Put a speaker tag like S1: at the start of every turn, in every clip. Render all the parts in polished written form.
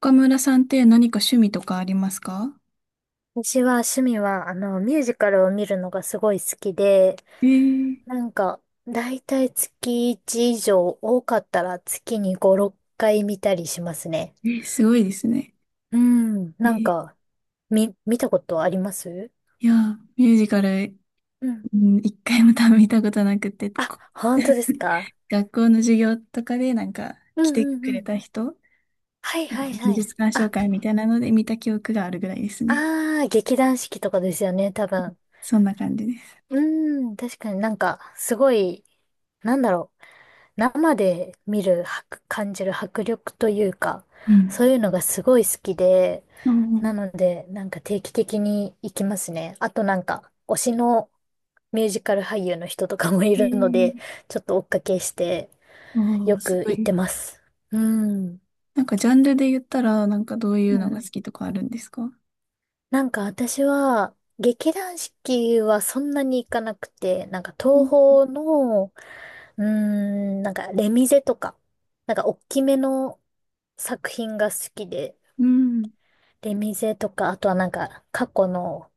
S1: 岡村さんって何か趣味とかありますか？
S2: 私は趣味は、ミュージカルを見るのがすごい好きで、
S1: えー
S2: なんか、だいたい月1以上、多かったら月に5、6回見たりしますね。
S1: え、すごいですね。
S2: うん、
S1: えー
S2: 見たことあります？
S1: いやー、ミュージカル、
S2: うん。
S1: うん、一回も多分見たことなくて、こ
S2: 本当です か？
S1: 学校の授業とかでなんか
S2: う
S1: 来
S2: ん
S1: て
S2: うん
S1: く
S2: う
S1: れ
S2: ん。
S1: た人、
S2: はいはい
S1: 技
S2: はい。
S1: 術鑑賞
S2: あ、
S1: 会みたいなので見た記憶があるぐらいですね。
S2: あー、劇団四季とかですよね、多分。
S1: そんな感じです。
S2: うん、確かにすごい、なんだろう。生で見る、迫感じる迫力というか、
S1: うん。
S2: そういうのがすごい好きで、
S1: う
S2: な
S1: ん。
S2: ので、定期的に行きますね。あと推しのミュージカル俳優の人とかもい
S1: え
S2: るので、
S1: ー、
S2: ちょっと追っかけして、
S1: お
S2: よ
S1: ー、す
S2: く
S1: ご
S2: 行って
S1: い。
S2: ます。うん。うん
S1: なんかジャンルで言ったら、なんかどうい
S2: う
S1: うのが好
S2: ん。
S1: きとかあるんですか？
S2: 私は、劇団四季はそんなに行かなくて、
S1: う
S2: 東
S1: ん。
S2: 宝の、うーん、レミゼとか、大きめの作品が好きで、
S1: うん。
S2: 出店とか、あとは過去の、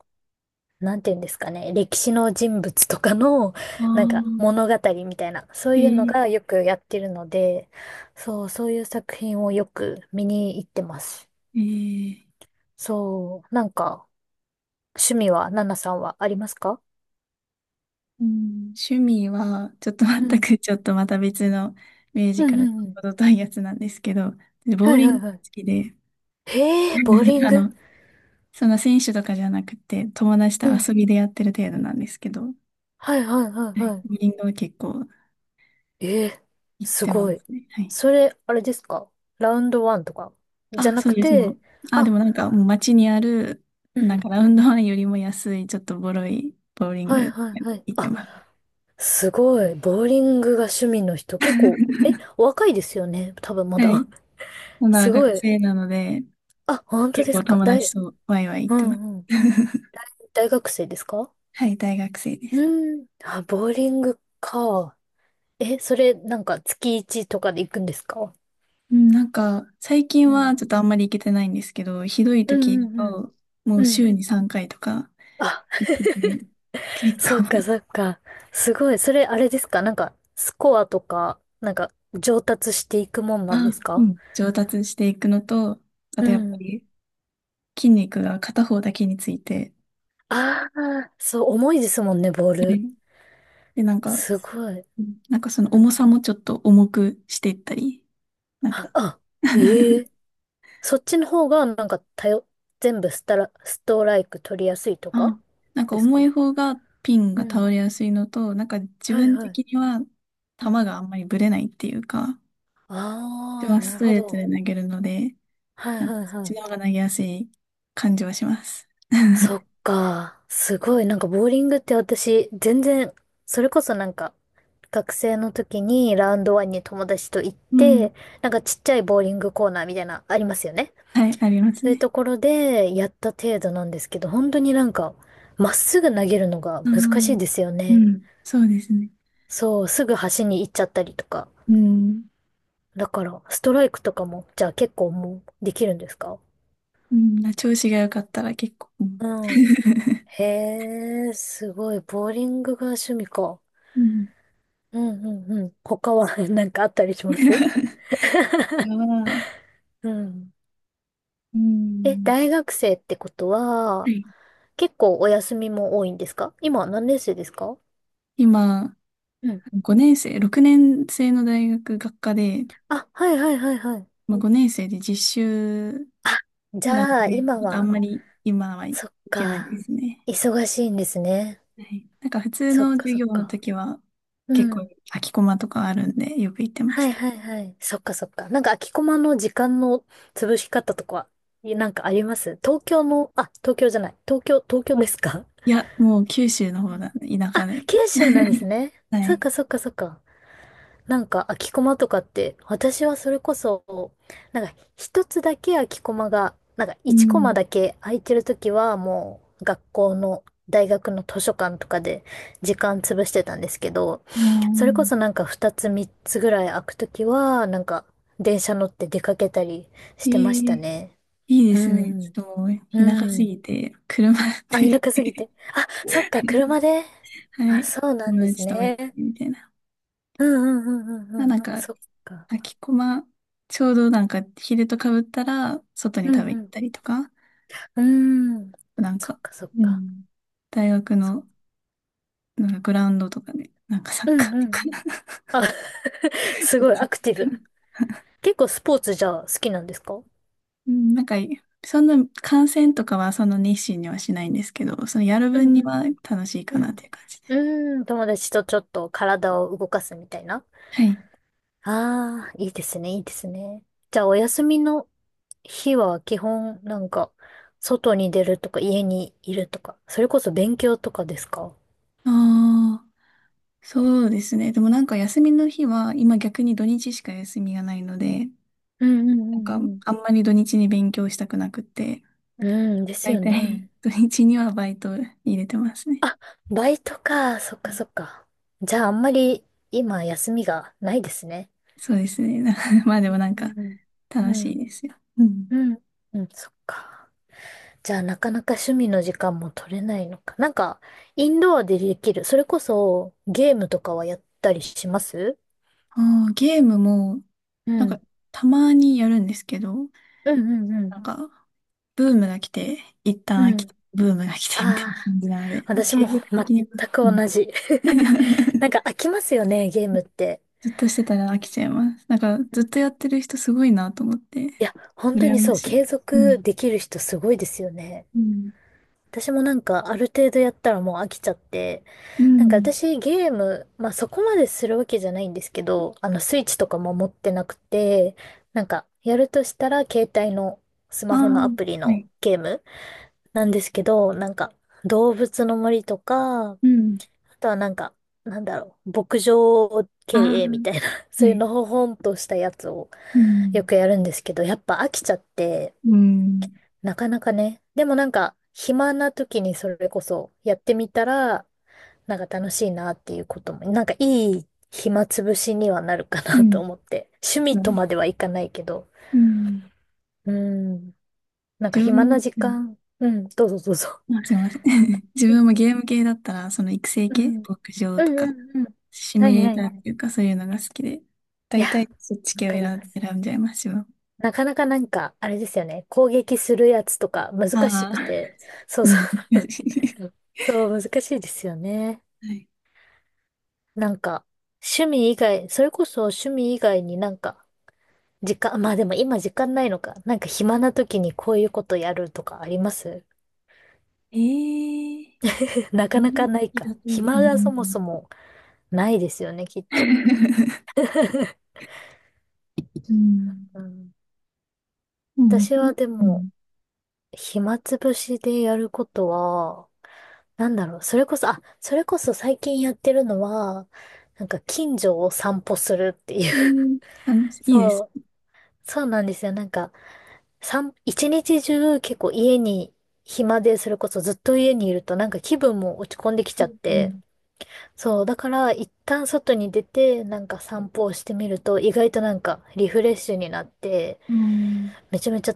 S2: なんていうんですかね、歴史の人物とかの、
S1: あ あ、
S2: 物語みたいな、そう
S1: え
S2: いうの
S1: ー、
S2: がよくやってるので、そう、そういう作品をよく見に行ってます。
S1: ええ、
S2: そう、趣味は、ナナさんはありますか？
S1: うん、趣味は、ちょっと全
S2: うん。
S1: く、ちょっとまた別のミュージ
S2: うん
S1: カル
S2: うんうん。
S1: の程遠いやつなんですけど、ボ
S2: は
S1: ー
S2: い
S1: リ
S2: は
S1: ング
S2: い
S1: が
S2: はい。
S1: 好きで、
S2: へえ、ボーリン
S1: あ
S2: グ。
S1: の、そんな選手とかじゃなくて、友達と
S2: うん。
S1: 遊びでやってる程度なんですけど、は
S2: はいはいはい
S1: い、
S2: は
S1: ボーリングは結構
S2: い。ええ、
S1: 行っ
S2: す
S1: てま
S2: ごい。
S1: すね。はい。
S2: それ、あれですか？ラウンドワンとかじゃ
S1: あ、
S2: な
S1: そう
S2: く
S1: です、もう。
S2: て、
S1: あ、で
S2: あ、
S1: もなんか、もう街にある、
S2: う
S1: なん
S2: ん。
S1: かラウンドワンよりも安い、ちょっとボロいボーリン
S2: はい
S1: グ
S2: はいはい。
S1: 行って
S2: あ、
S1: ます。
S2: すごい。ボーリングが趣味の人、結構、え、お若いですよね。多分ま
S1: は
S2: だ。
S1: い。ま だ
S2: すご
S1: 学
S2: い。
S1: 生なので、
S2: あ、本当
S1: 結
S2: です
S1: 構
S2: か。
S1: 友達
S2: 大、
S1: とワイワイ行
S2: う
S1: ってます。
S2: んうん。大学生ですか？
S1: はい、大学生です。
S2: うん。あ、ボーリングか。え、それ、月1とかで行くんですか？
S1: 最近
S2: う
S1: は
S2: ん。
S1: ちょっとあんまり行けてないんですけど、ひどい
S2: う
S1: 時
S2: ん
S1: だ
S2: うんうん。
S1: と、もう
S2: う
S1: 週
S2: ん。
S1: に3回とか、
S2: あ、
S1: で結
S2: そっか
S1: 構。
S2: そっか。すごい。それ、あれですか？スコアとか、上達していくもん なんで
S1: あ、
S2: す
S1: う
S2: か？
S1: ん、上達していくのと、あ
S2: う
S1: とやっぱ
S2: ん。
S1: り筋肉が片方だけについて、
S2: ああ、そう、重いですもんね、ボー
S1: はい。
S2: ル。
S1: で、なんか、
S2: すごい。
S1: うん、なんかその重さもちょっと重くしていったり、なん
S2: は
S1: か。
S2: あ、あ、え え。そっちの方が、全部スタラ、ストライク取りやすいとか
S1: あ、なんか
S2: です
S1: 重い
S2: か？
S1: 方がピン
S2: う
S1: が倒
S2: ん。
S1: れやすいのと、なんか自
S2: はい
S1: 分
S2: は
S1: 的
S2: い。
S1: には
S2: う
S1: 球
S2: ん。
S1: があんまりぶれないっていうか、自
S2: あ
S1: 分
S2: あ、
S1: は
S2: な
S1: ス
S2: る
S1: ト
S2: ほ
S1: レートで
S2: ど。
S1: 投げるので、
S2: はい
S1: なんか
S2: はい
S1: そっ
S2: は
S1: ち
S2: い。
S1: の方が投げやすい感じはします。
S2: そっ か。すごい。ボーリングって私、全然、それこそ学生の時にラウンドワンに友達と行っ
S1: うん。
S2: て、ちっちゃいボーリングコーナーみたいな、ありますよね。
S1: はい、あります
S2: そういう
S1: ね。
S2: ところでやった程度なんですけど、本当にまっすぐ投げるのが
S1: う
S2: 難しい
S1: ん。
S2: ですよ
S1: う
S2: ね。
S1: ん。そうですね。
S2: そう、すぐ端に行っちゃったりとか。
S1: うん。
S2: だから、ストライクとかも、じゃあ結構もうできるんですか？
S1: うん。調子が良かったら結構。うん。
S2: うん。へえ、すごい。ボーリングが趣味か。
S1: うん。
S2: うんうんうん。他は なんかあったりしま す？
S1: は、
S2: うん。
S1: う
S2: え、
S1: ん。
S2: 大学生ってこと
S1: は
S2: は、
S1: い。
S2: 結構お休みも多いんですか？今何年生ですか？
S1: 今、
S2: うん。
S1: 5年生、6年生の大学学科で、
S2: あ、はいはいはいはい。
S1: まあ、5年生で実習
S2: あ、じ
S1: なん
S2: ゃあ、
S1: で、
S2: 今
S1: ちょっとあん
S2: は、
S1: まり今はい
S2: そっ
S1: けない
S2: か。
S1: ですね。
S2: 忙しいんですね。
S1: はい。なんか普通
S2: そっ
S1: の
S2: か
S1: 授
S2: そっ
S1: 業の
S2: か。
S1: 時は
S2: う
S1: 結構
S2: ん。
S1: 空きコマとかあるんでよく行ってま
S2: は
S1: し
S2: い
S1: た。
S2: はいはい。そっかそっか。空きコマの時間の潰し方とかは、い、なんかあります？東京の、あ、東京じゃない。東京、東京ですか？
S1: いや、もう九州の
S2: う
S1: 方
S2: ん。
S1: だ、田
S2: あ、
S1: 舎。
S2: 九州 なんですね。
S1: は
S2: そっ
S1: い。
S2: かそっかそっか。空きコマとかって、私はそれこそ、一つだけ空きコマが、
S1: う
S2: 一コマ
S1: ん。
S2: だけ空いてるときはもう学校の大学の図書館とかで時間潰してたんですけど、
S1: う
S2: それこ
S1: ん。
S2: そ二つ三つぐらい空くときは、電車乗って出かけたりし
S1: え
S2: てました
S1: え、
S2: ね。
S1: いいで
S2: う
S1: すね。ち
S2: ん。
S1: ょっともう田舎
S2: う
S1: す
S2: ん。
S1: ぎて、車
S2: あ、田舎
S1: で。
S2: すぎて。あ、そっか、車で。
S1: は
S2: あ、
S1: い。
S2: そうなん
S1: 友
S2: です
S1: 達とみんな
S2: ね。
S1: でみたいな。
S2: うんうんうんうんう
S1: まあなん
S2: ん。
S1: か、
S2: そっか。
S1: きこま、ちょうどなんか昼とかぶったら、外に
S2: う
S1: 食べ
S2: ん
S1: 行
S2: う
S1: っ
S2: ん。
S1: たりとか、
S2: うーん。
S1: なん
S2: そっ
S1: か、
S2: かそっ
S1: う
S2: か。
S1: ん、大学
S2: そ
S1: のなんかグラウンドとかで、なんかサッ
S2: う。
S1: カ
S2: ん
S1: ーと
S2: うんう
S1: かな
S2: ん。
S1: んか。
S2: あ、すごいアクティブ。結構スポーツじゃあ好きなんですか？
S1: うん、なんか、そんな観戦とかはその熱心にはしないんですけど、そのやる
S2: うん
S1: 分
S2: う
S1: には
S2: ん
S1: 楽しい
S2: う
S1: かなっ
S2: ん。
S1: ていう感じで。
S2: うん。うーん、友達とちょっと体を動かすみたいな。
S1: はい。
S2: ああ、いいですね、いいですね。じゃあお休みの日は基本外に出るとか家にいるとか、それこそ勉強とかですか？
S1: ああ、そうですね。でもなんか休みの日は、今逆に土日しか休みがないので、
S2: うんう
S1: なんか
S2: んうん
S1: あんまり土日に勉強したくなくって、
S2: うん。うん、です
S1: 大
S2: よ
S1: 体、
S2: ね。
S1: 土日にはバイト入れてますね。
S2: あ、バイトか。そっ
S1: う
S2: か
S1: ん。
S2: そっか。じゃああんまり今休みがないですね。
S1: そうですね。な まあでもなん
S2: う
S1: か、
S2: ん。う
S1: 楽しい
S2: ん。
S1: ですよ。うん。
S2: うん。うん、そっか。じゃあなかなか趣味の時間も取れないのか。インドアでできる。それこそゲームとかはやったりします？
S1: あー、ゲームも、
S2: う
S1: なんか、
S2: ん。
S1: たまにやるんですけど、
S2: うんうんうん。
S1: なんか、ブームが来て、一旦飽
S2: う
S1: き
S2: ん。
S1: て、ブームが来てみたいな
S2: ああ、
S1: 感じなので、
S2: 私
S1: 継
S2: も
S1: 続的
S2: 全
S1: には。
S2: く
S1: うん。
S2: 同じ。なん か飽きますよね、ゲームって。
S1: ずっとしてたら飽きちゃいます。なんか、
S2: う
S1: ずっ
S2: ん。
S1: とやってる人すごいなと思って、
S2: いや、本当
S1: 羨
S2: に
S1: ま
S2: そう、
S1: しい。
S2: 継
S1: う
S2: 続
S1: ん。
S2: できる人すごいですよね。
S1: うん。
S2: 私もなんかある程度やったらもう飽きちゃって、
S1: うん。
S2: 私ゲーム、まあそこまでするわけじゃないんですけど、あのスイッチとかも持ってなくて、やるとしたら携帯のス
S1: ああ、
S2: マホのアプリ
S1: は
S2: の
S1: い。
S2: ゲームなんですけど、動物の森とか、あ
S1: うん。
S2: とはなんだろう、牧場経
S1: あ
S2: 営みたいな、
S1: あ、
S2: そう
S1: は
S2: いう
S1: い。
S2: のほほんとしたやつを
S1: う
S2: よ
S1: ん。
S2: くやるんですけど、やっぱ飽きちゃって、
S1: うん。
S2: なかなかね。でも暇な時にそれこそやってみたら、なんか楽しいなっていうことも、なんかいい暇つぶしにはなるか
S1: う
S2: なと
S1: ん。
S2: 思って。趣味
S1: そ
S2: と
S1: う。
S2: まではいかないけど。
S1: うん。
S2: うん。なんか
S1: 自分
S2: 暇
S1: も、
S2: な時
S1: うん。
S2: 間。うん。どうぞどうぞ。
S1: あ、すいません。自
S2: うん
S1: 分もゲーム系だったら、その育成
S2: うん。
S1: 系、
S2: うん
S1: 牧場と
S2: う
S1: か、
S2: んうん。
S1: シ
S2: は
S1: ミュ
S2: い
S1: レ
S2: は
S1: ー
S2: い
S1: ターっ
S2: はい。
S1: ていうか、そういうのが好きで、
S2: いや、
S1: 大体そっち
S2: わ
S1: 系を
S2: かり
S1: 選
S2: ま
S1: ん、
S2: す。
S1: 選んじゃいます、自分。
S2: なかなかあれですよね。攻撃するやつとか難し
S1: あ
S2: く
S1: あ。
S2: て。そう
S1: う
S2: そ
S1: ん。難しい。
S2: う。そう、難しいですよね。
S1: はい。
S2: なんか、趣味以外、それこそ趣味以外に時間、まあでも今時間ないのか。なんか暇な時にこういうことやるとかあります？
S1: ええ
S2: な
S1: ー。う
S2: かな
S1: ん
S2: かないか。
S1: だとう。う
S2: 暇がそも
S1: ん。
S2: そもないですよね、きっと。
S1: うん。
S2: うん、
S1: うん。
S2: 私はで
S1: う
S2: も、
S1: ん。
S2: 暇つぶしでやることは、なんだろう、それこそ、あ、それこそ最近やってるのは、近所を散歩するっていう。
S1: ええー、楽 しい。いいで
S2: そ
S1: す。
S2: う、そうなんですよ。一日中結構家に暇で、それこそずっと家にいると気分も落ち込んでき
S1: う
S2: ちゃって。
S1: ん。
S2: そう、だから一旦外に出て散歩をしてみると意外とリフレッシュになって、
S1: うん。
S2: めちゃめちゃ、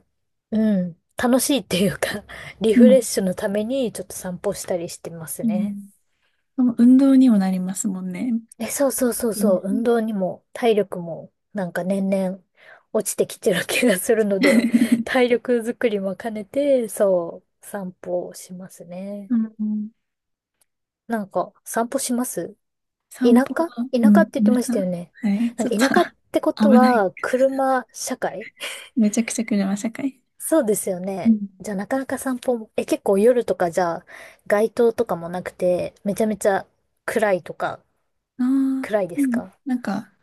S2: うん、楽しいっていうか リ
S1: う
S2: フレッ
S1: ん。
S2: シュのためにちょっと散歩したりしてます
S1: う
S2: ね。
S1: ん、そう、運動にもなりますもんね。
S2: え、そうそうそう
S1: いい
S2: そ
S1: で
S2: う、
S1: す
S2: 運
S1: ね。
S2: 動にも体力も年々落ちてきてる気がするので、体力づくりも兼ねて、そう、散歩をしますね。
S1: うん。
S2: 散歩します？田
S1: 散
S2: 舎、
S1: 歩は、
S2: 田
S1: う
S2: 舎っ
S1: ん、
S2: て言って
S1: なん
S2: まし
S1: か。
S2: たよ ね。
S1: はい、
S2: な
S1: ち
S2: ん
S1: ょっ
S2: か田舎ってこ
S1: と。
S2: と
S1: 危ない。
S2: は、車社会。
S1: めちゃくちゃ車社会。
S2: そうですよ
S1: う
S2: ね。
S1: ん。
S2: じゃあなかなか散歩も、え、結構夜とかじゃあ、街灯とかもなくて、めちゃめちゃ暗いとか、
S1: ああ、
S2: 暗いで
S1: う
S2: す
S1: ん、
S2: か？
S1: なんか、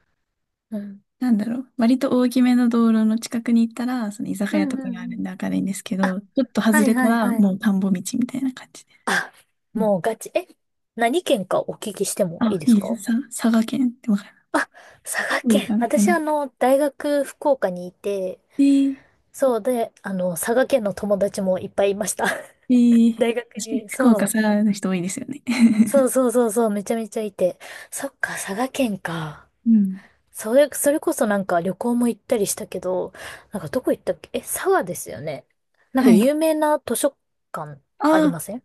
S2: うん。
S1: なんだろう。割と大きめの道路の近くに行ったら、その居酒
S2: うん
S1: 屋と
S2: う
S1: かがあ
S2: んう
S1: るん
S2: ん。
S1: で明るいんですけ
S2: あ、
S1: ど、ちょっと外
S2: はい
S1: れた
S2: はい
S1: ら
S2: はい。
S1: もう田んぼ道みたいな感じで。
S2: あ、
S1: うん。
S2: もうガチ。え、何県かお聞きしてもいい
S1: あ、
S2: で
S1: い
S2: す
S1: いです。
S2: か？
S1: さ、佐賀県ってわかる？
S2: あ、佐賀
S1: 福
S2: 県。
S1: 岡か
S2: 私
S1: な。
S2: あの、大学福岡にいて、
S1: えー、
S2: そうで、あの、佐賀県の友達もいっぱいいました。
S1: えー、
S2: 大学
S1: 確かに
S2: に、
S1: 福
S2: そ
S1: 岡佐
S2: う。
S1: 賀の人多いですよね。
S2: そうそうそうそう、めちゃめちゃいて。そっか、佐賀県か。
S1: うん。
S2: それ、それこそ旅行も行ったりしたけど、なんかどこ行ったっけ、え、佐賀ですよね。なんか
S1: はい。
S2: 有名な図書館
S1: あ
S2: ありま
S1: あ、
S2: せん？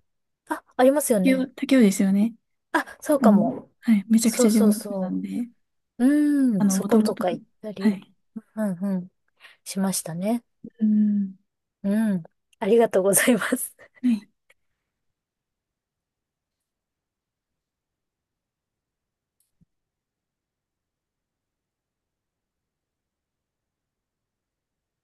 S2: あ、ありますよ
S1: 竹雄、
S2: ね。
S1: 竹雄ですよね。
S2: あ、そう
S1: あ
S2: か
S1: の、
S2: も。
S1: はい、めちゃく
S2: そ
S1: ちゃ
S2: う
S1: 地
S2: そう
S1: 元な
S2: そ
S1: んで、
S2: う。う
S1: あ
S2: ん、
S1: の、
S2: そ
S1: もと
S2: こ
S1: も
S2: と
S1: と、
S2: か行った
S1: は
S2: り、
S1: い。
S2: うんうん、しましたね。
S1: うん。
S2: うん。ありがとうございます。
S1: はい。